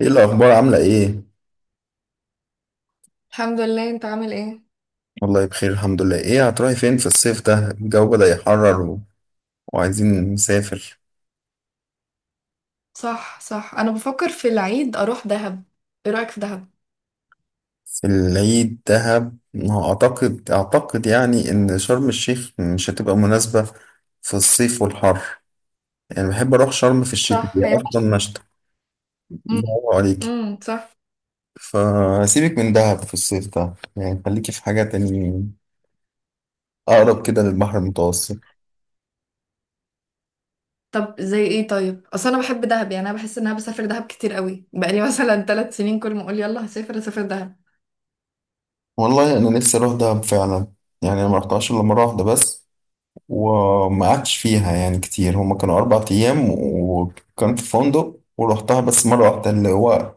ايه الاخبار؟ عامله ايه؟ الحمد لله. انت عامل ايه؟ والله بخير الحمد لله. ايه هتروحي فين في الصيف ده؟ الجو بدأ يحرر وعايزين نسافر. صح، صح، انا بفكر في العيد اروح دهب. ايه رايك في دهب؟ في العيد دهب؟ ما هو اعتقد يعني ان شرم الشيخ مش هتبقى مناسبه في الصيف والحر، يعني بحب اروح شرم في الشتاء، صح، هي هي مش. اصلا مشتى. امم، برافو عليكي. امم، صح. فسيبك من دهب في الصيف ده، يعني خليكي في حاجه تاني اقرب كده للبحر المتوسط. طب زي ايه؟ طيب اصل انا بحب دهب، يعني انا بحس ان انا بسافر دهب كتير قوي بقالي مثلا 3 سنين، كل ما اقول يلا هسافر هسافر دهب. والله انا نفسي اروح دهب فعلا، يعني انا ما رحتهاش الا مره واحده بس، وما قعدتش فيها يعني كتير، هما كانوا 4 أيام وكان في فندق، ورحتها بس مرة واحدة اللي هو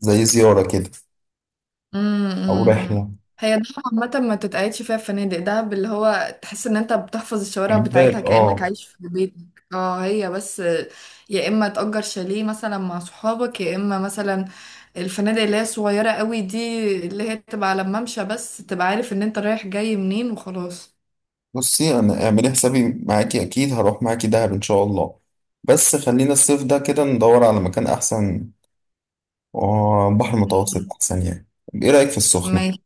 زي زيارة كده أو أمم. امم. رحلة، هي ده عامة ما تتقعدش فيها الفنادق، ده اللي هو تحس ان انت بتحفظ الشوارع كان بتاعتها باد كأنك اه. عايش في بيتك. اه، هي بس يا اما تأجر شاليه مثلا مع صحابك، يا اما مثلا الفنادق اللي هي صغيرة قوي دي، اللي هي تبقى على الممشى، بس تبقى عارف ان انت رايح جاي منين وخلاص. بصي أنا اعملي حسابي معاكي، أكيد هروح معاكي دهب إن شاء الله، بس خلينا الصيف ده كده ندور على مكان أحسن، وبحر متوسط أمم. أحسن يعني. طب إيه رأيك في السخنة؟ ماشي.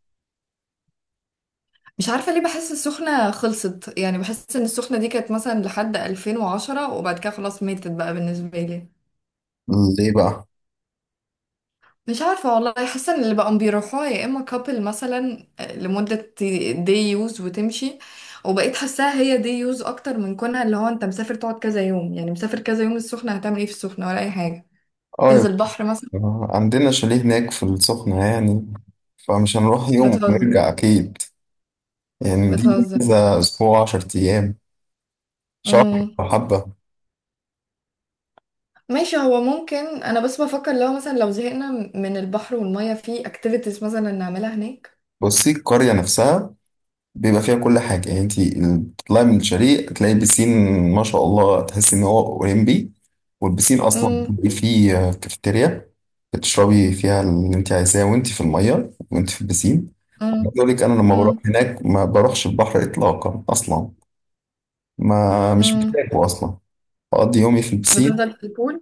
مش عارفة ليه بحس السخنة خلصت، يعني بحس ان السخنة دي كانت مثلا لحد 2010، وبعد كده خلاص ماتت بقى بالنسبة لي. ليه بقى؟ مش عارفة والله، حاسة ان اللي بقوا بيروحوها يا اما كابل مثلا لمدة، دي يوز وتمشي. وبقيت حاساها هي دي يوز اكتر من كونها اللي هو انت مسافر تقعد كذا يوم، يعني مسافر كذا يوم السخنة هتعمل ايه؟ في السخنة ولا اي حاجة، اه يا تنزل بحر مثلا. باشا، عندنا شاليه هناك في السخنة يعني، فمش هنروح يوم بتهزر. ونرجع أكيد، يعني دي بتهزر. كذا أسبوع، 10 أيام، شهر امم، أو حبة. ماشي. هو ممكن انا بس بفكر لو مثلا لو زهقنا من البحر والمية في اكتيفيتيز مثلا نعملها هناك. بصي القرية نفسها بيبقى فيها كل حاجة، يعني انتي بتطلعي من الشاليه تلاقي بسين ما شاء الله تحسي إن هو أولمبي، والبسين أصلا امم. بيبقى فيه كافيتيريا بتشربي فيها اللي انتي عايزاه وانتي في المية وانتي في البسين. امم. عايز أقول لك أنا لما بروح امم. هناك ما بروحش البحر إطلاقا أصلا، ما مش امم. بحتاجه أصلا، بقضي يومي في البسين. بتفضل في البول؟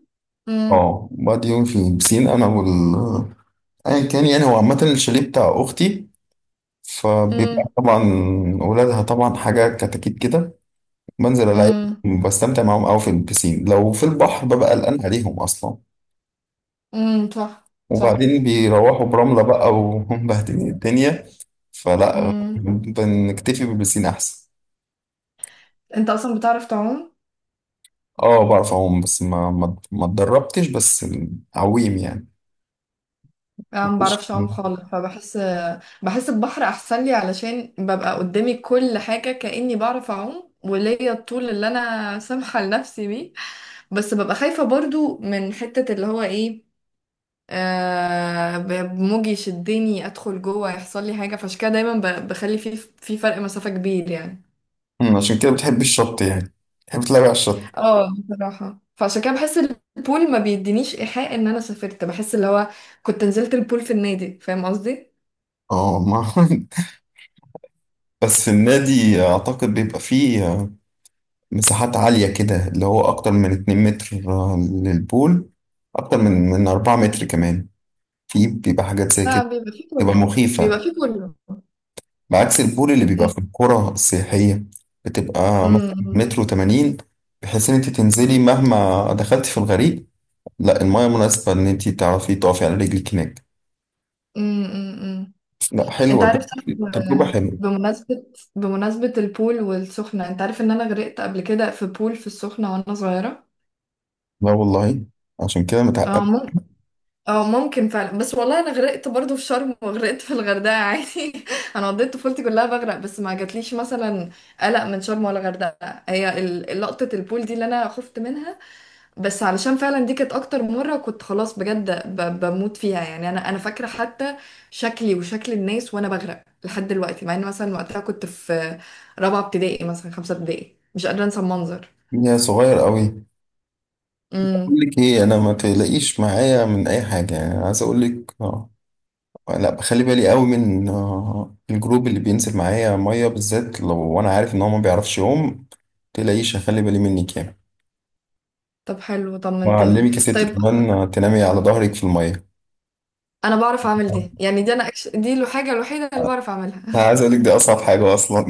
امم. اه بقضي يومي في البسين أنا، ايا كان يعني، هو عامة الشاليه بتاع اختي، فبيبقى امم. طبعا ولادها طبعا حاجة كتاكيت كده، بنزل العب امم. بستمتع معاهم قوي في البسين، لو في البحر ببقى قلقان عليهم اصلا، امم، صح، صح. وبعدين بيروحوا برملة بقى وهم مبهدلين الدنيا، فلا مم. بنكتفي بالبسين احسن. انت اصلا بتعرف تعوم؟ اه بعرف اعوم بس ما اتدربتش، بس عويم يعني. انا ما بعرفش اعوم خالص فبحس. بحس البحر احسن لي علشان ببقى قدامي كل حاجه كاني بعرف اعوم، وليا الطول اللي انا سامحه لنفسي بيه. بس ببقى خايفه برضو من حته اللي هو ايه، موجي يشدني ادخل جوه يحصل لي حاجه، فعشان كده دايما بخلي في فرق مسافه كبير يعني. عشان كده بتحب الشط يعني، بتحب تلعب على الشط. اه بصراحه، فعشان كده بحس البول ما بيدينيش ايحاء ان انا سافرت، بحس اللي هو كنت نزلت البول في النادي فاهم قصدي. اه ما بس النادي اعتقد بيبقى فيه مساحات عالية كده، اللي هو أكتر من 2 متر للبول، أكتر من 4 متر كمان، في بيبقى حاجات زي لا كده، بيبقى فيه بتبقى كله، بيبقى مخيفة، فيه كله. بعكس البول اللي بيبقى في أمم، القرى السياحية، بتبقى مثلا أمم، متر وتمانين، بحيث إن أنت تنزلي مهما دخلتي في الغريق لا، المايه مناسبة إن أنت تعرفي تقفي على رجلك هناك. أمم، أمم. لا انت حلوة ده، عارف صح؟ تجربة حلوة. بمناسبة، بمناسبة البول والسخنة، انت عارف ان انا غرقت قبل كده في بول في السخنة وانا صغيرة؟ لا والله! عشان كده اه متعقد! ممكن، اه ممكن فعلا، بس والله انا غرقت برضو في شرم وغرقت في الغردقة عادي. انا قضيت طفولتي كلها بغرق، بس ما جاتليش مثلا قلق من شرم ولا غردقة، هي لقطة البول دي اللي انا خفت منها، بس علشان فعلا دي كانت اكتر مرة كنت خلاص بجد بموت فيها يعني. انا فاكرة حتى شكلي وشكل الناس وانا بغرق لحد دلوقتي، مع ان مثلا وقتها كنت في رابعة ابتدائي مثلا خمسة ابتدائي، مش قادرة انسى المنظر. يا صغير قوي. أقول امم. لك إيه، أنا ما تقلقيش معايا من أي حاجة، يعني عايز أقول لك لا بخلي بالي قوي من الجروب اللي بينزل معايا ميه، بالذات لو انا عارف ان هو ما بيعرفش يقوم، تلاقيش هخلي بالي منك يعني. طب حلو، طمنتني. وأعلمك يا ستي طيب كمان تنامي على ظهرك في الميه. انا بعرف اعمل دي، يعني دي دي الحاجة الوحيدة اللي بعرف اعملها. انا عايز اقول لك دي اصعب حاجه اصلا.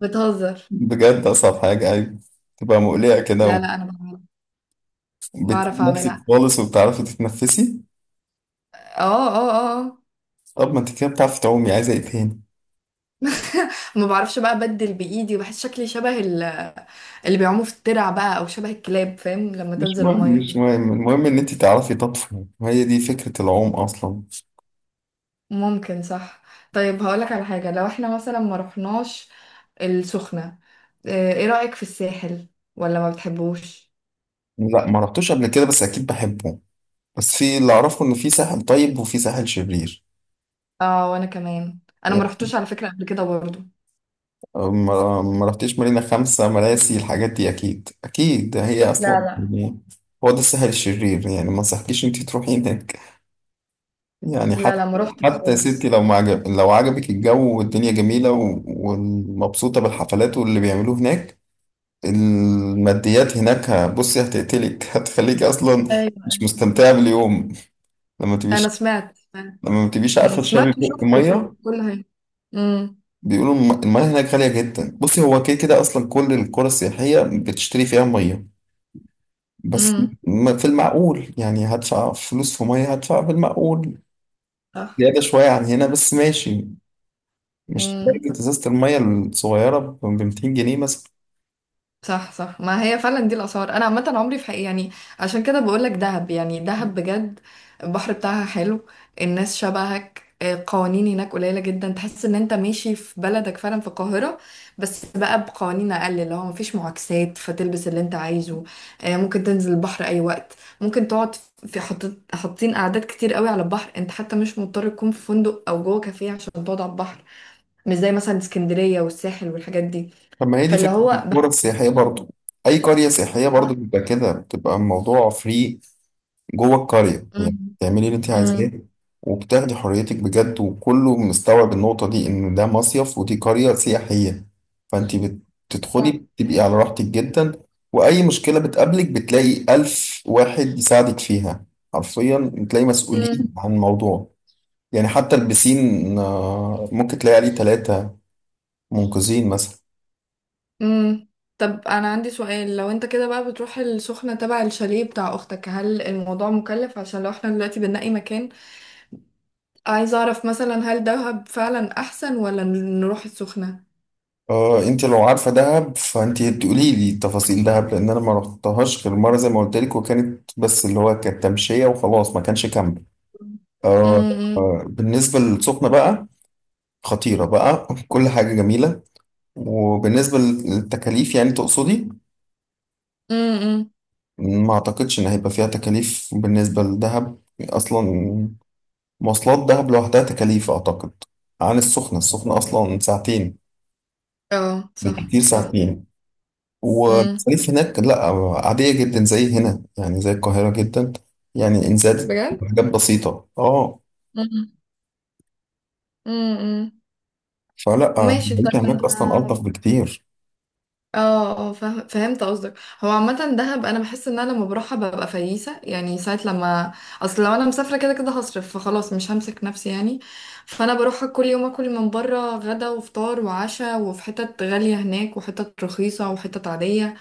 بتهزر. بجد اصعب حاجه، ايوه، تبقى مقلقه كده، لا، لا، انا بعملها. وبتسيبي بعرف نفسك اعملها. خالص وبتعرفي تتنفسي. اه، اه، اه آه. طب ما انت كده بتعرفي تعومي، عايزه ايه تاني؟ ما بعرفش بقى، ابدل بايدي، بحس شكلي شبه اللي بيعوموا في الترع بقى او شبه الكلاب فاهم لما مش تنزل مهم، الميه. مش مهم، المهم ان انت تعرفي تطفي وهي دي فكره العوم اصلا. ممكن، صح. طيب هقولك على حاجه، لو احنا مثلا ما رحناش السخنه، ايه رايك في الساحل؟ ولا ما بتحبوش؟ لا ما رحتوش قبل كده، بس اكيد بحبه، بس في اللي اعرفه ان في ساحل طيب وفي ساحل شرير. اه وانا كمان، انا ما رحتوش على فكره قبل كده برضو. ما رحتش مارينا، خمسة مراسي، الحاجات دي اكيد اكيد، هي لا، اصلا لا. يعني هو ده الساحل الشرير، يعني ما انصحكيش انت تروحي هناك، يعني لا، حتى، لا، ما رحتش حتى يا ستي خالص. لو ما عجب، لو عجبك الجو والدنيا جميلة ومبسوطة بالحفلات واللي بيعملوه هناك، الماديات هناك بصي هتقتلك، هتخليك اصلا مش ايوه. مستمتعة باليوم، لما انا تبيش، سمعت، سمعت. لما ما تبيش عارفة أمم، سمعت تشربي بق وشفت، وشفت مية. كل حاجه. امم. بيقولوا المياه هناك غالية جدا، بصي هو كده كده أصلا كل القرى السياحية بتشتري فيها مية، بس امم، في المعقول، يعني هدفع فلوس في مية هدفع في المعقول، صح. زيادة شوية عن هنا بس ماشي، مش امم، درجة إزازة المية الصغيرة ب 200 جنيه مثلا. صح، صح. ما هي فعلا دي الاسعار، انا عامه عمري في حقيقة يعني. عشان كده بقول لك دهب، يعني دهب بجد. البحر بتاعها حلو، الناس شبهك، قوانين هناك قليله جدا، تحس ان انت ماشي في بلدك فعلا في القاهره بس بقى بقوانين اقل، اللي هو مفيش معاكسات، فتلبس اللي انت عايزه، ممكن تنزل البحر اي وقت، ممكن تقعد في حط... حاطين قعدات كتير قوي على البحر، انت حتى مش مضطر تكون في فندق او جوه كافيه عشان تقعد على البحر. مش زي مثلا اسكندريه والساحل والحاجات دي. طب ما هي دي فاللي فكرة هو القرى السياحية برضو، أي قرية سياحية برضو بيبقى كده، بتبقى الموضوع فري جوه القرية، بحس. يعني تعملي اللي انت عايزاه امم، وبتاخدي حريتك بجد، وكله مستوعب النقطة دي إن ده مصيف ودي قرية سياحية، فانت بتدخلي صح. بتبقي على راحتك جدا، وأي مشكلة بتقابلك بتلاقي ألف واحد يساعدك فيها، حرفيا بتلاقي مسؤولين امم. عن الموضوع، يعني حتى البسين ممكن تلاقي عليه ثلاثة منقذين مثلا. امم. طب انا عندي سؤال، لو انت كده بقى بتروح السخنة تبع الشاليه بتاع اختك، هل الموضوع مكلف؟ عشان لو احنا دلوقتي بنلاقي مكان، عايزة اعرف مثلا هل دهب فعلا احسن ولا نروح السخنة. اه انت لو عارفه دهب فانت تقولي لي تفاصيل دهب، لان انا ما رحتهاش غير مره زي ما قلت لك، وكانت بس اللي هو كانت تمشيه وخلاص، ما كانش كامب. آه امم. بالنسبه للسخنه بقى، خطيره بقى! كل حاجه جميله. وبالنسبه للتكاليف يعني تقصدي، امم. ما اعتقدش ان هيبقى فيها تكاليف بالنسبه لدهب اصلا، مواصلات دهب لوحدها تكاليف اعتقد عن السخنه، السخنه اصلا ساعتين، اه صح، بالكتير صح. ساعتين، امم، والمصاريف هناك لا، عادية جدا زي هنا، يعني زي القاهرة جدا، يعني إن زادت بجد. حاجات بسيطة اه، امم. امم، فلا ماشي. طب العيشة هناك أصلا انا، ألطف بكتير. اه، اه، فاهم، فهمت قصدك. هو عامة دهب انا بحس ان انا لما بروحها ببقى فييسة، يعني ساعة لما اصل لو انا مسافرة كده كده هصرف، فخلاص مش همسك نفسي يعني. فانا بروحها كل يوم اكل من بره، غدا وفطار وعشاء، وفي حتت غالية هناك وحتت رخيصة وحتت عادية،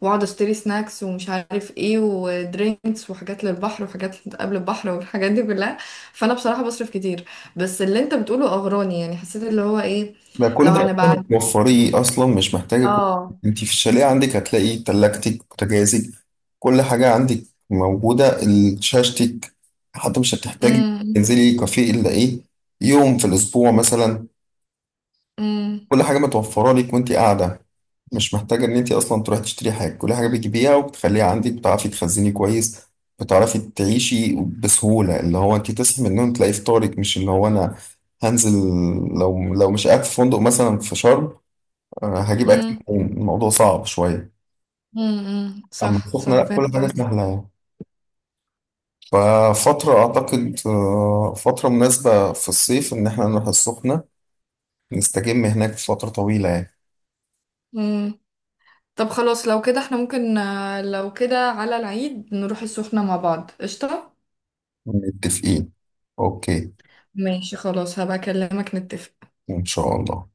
واقعد اشتري سناكس ومش عارف ايه ودرينكس وحاجات للبحر وحاجات قبل البحر والحاجات دي كلها، فانا بصراحة بصرف كتير. بس اللي انت بتقوله اغراني، يعني حسيت اللي هو ايه، ده كل لو ده أصلا هنبقى. توفريه، أصلا مش محتاجة اه. أنت في الشاليه عندك هتلاقي تلاجتك، بوتاجازك، كل حاجة عندك موجودة، شاشتك، حتى مش هتحتاجي امم. تنزلي كافيه إلا إيه، يوم في الأسبوع مثلا، امم. كل حاجة متوفرة لك وأنت قاعدة، مش محتاجة إن أنت أصلا تروحي تشتري حاجة، كل حاجة بتجيبيها وبتخليها عندك، بتعرفي تخزني كويس، بتعرفي تعيشي بسهولة، اللي هو أنت تصحي من النوم تلاقي فطارك، مش اللي هو أنا هنزل، لو مش قاعد في فندق مثلا في شرم، هجيب أكل امم. منين؟ الموضوع صعب شوية. امم، أما صح، السخنة صح، لأ كل فهمت حاجة قصدي. سهلة يعني، ففترة أعتقد فترة مناسبة في الصيف إن إحنا نروح السخنة، نستجم هناك فترة طويلة يعني. امم. طب خلاص، لو كده احنا ممكن، لو كده على العيد نروح السخنة مع بعض قشطة. متفقين. أوكي. ماشي خلاص، هبقى اكلمك نتفق. إن شاء الله.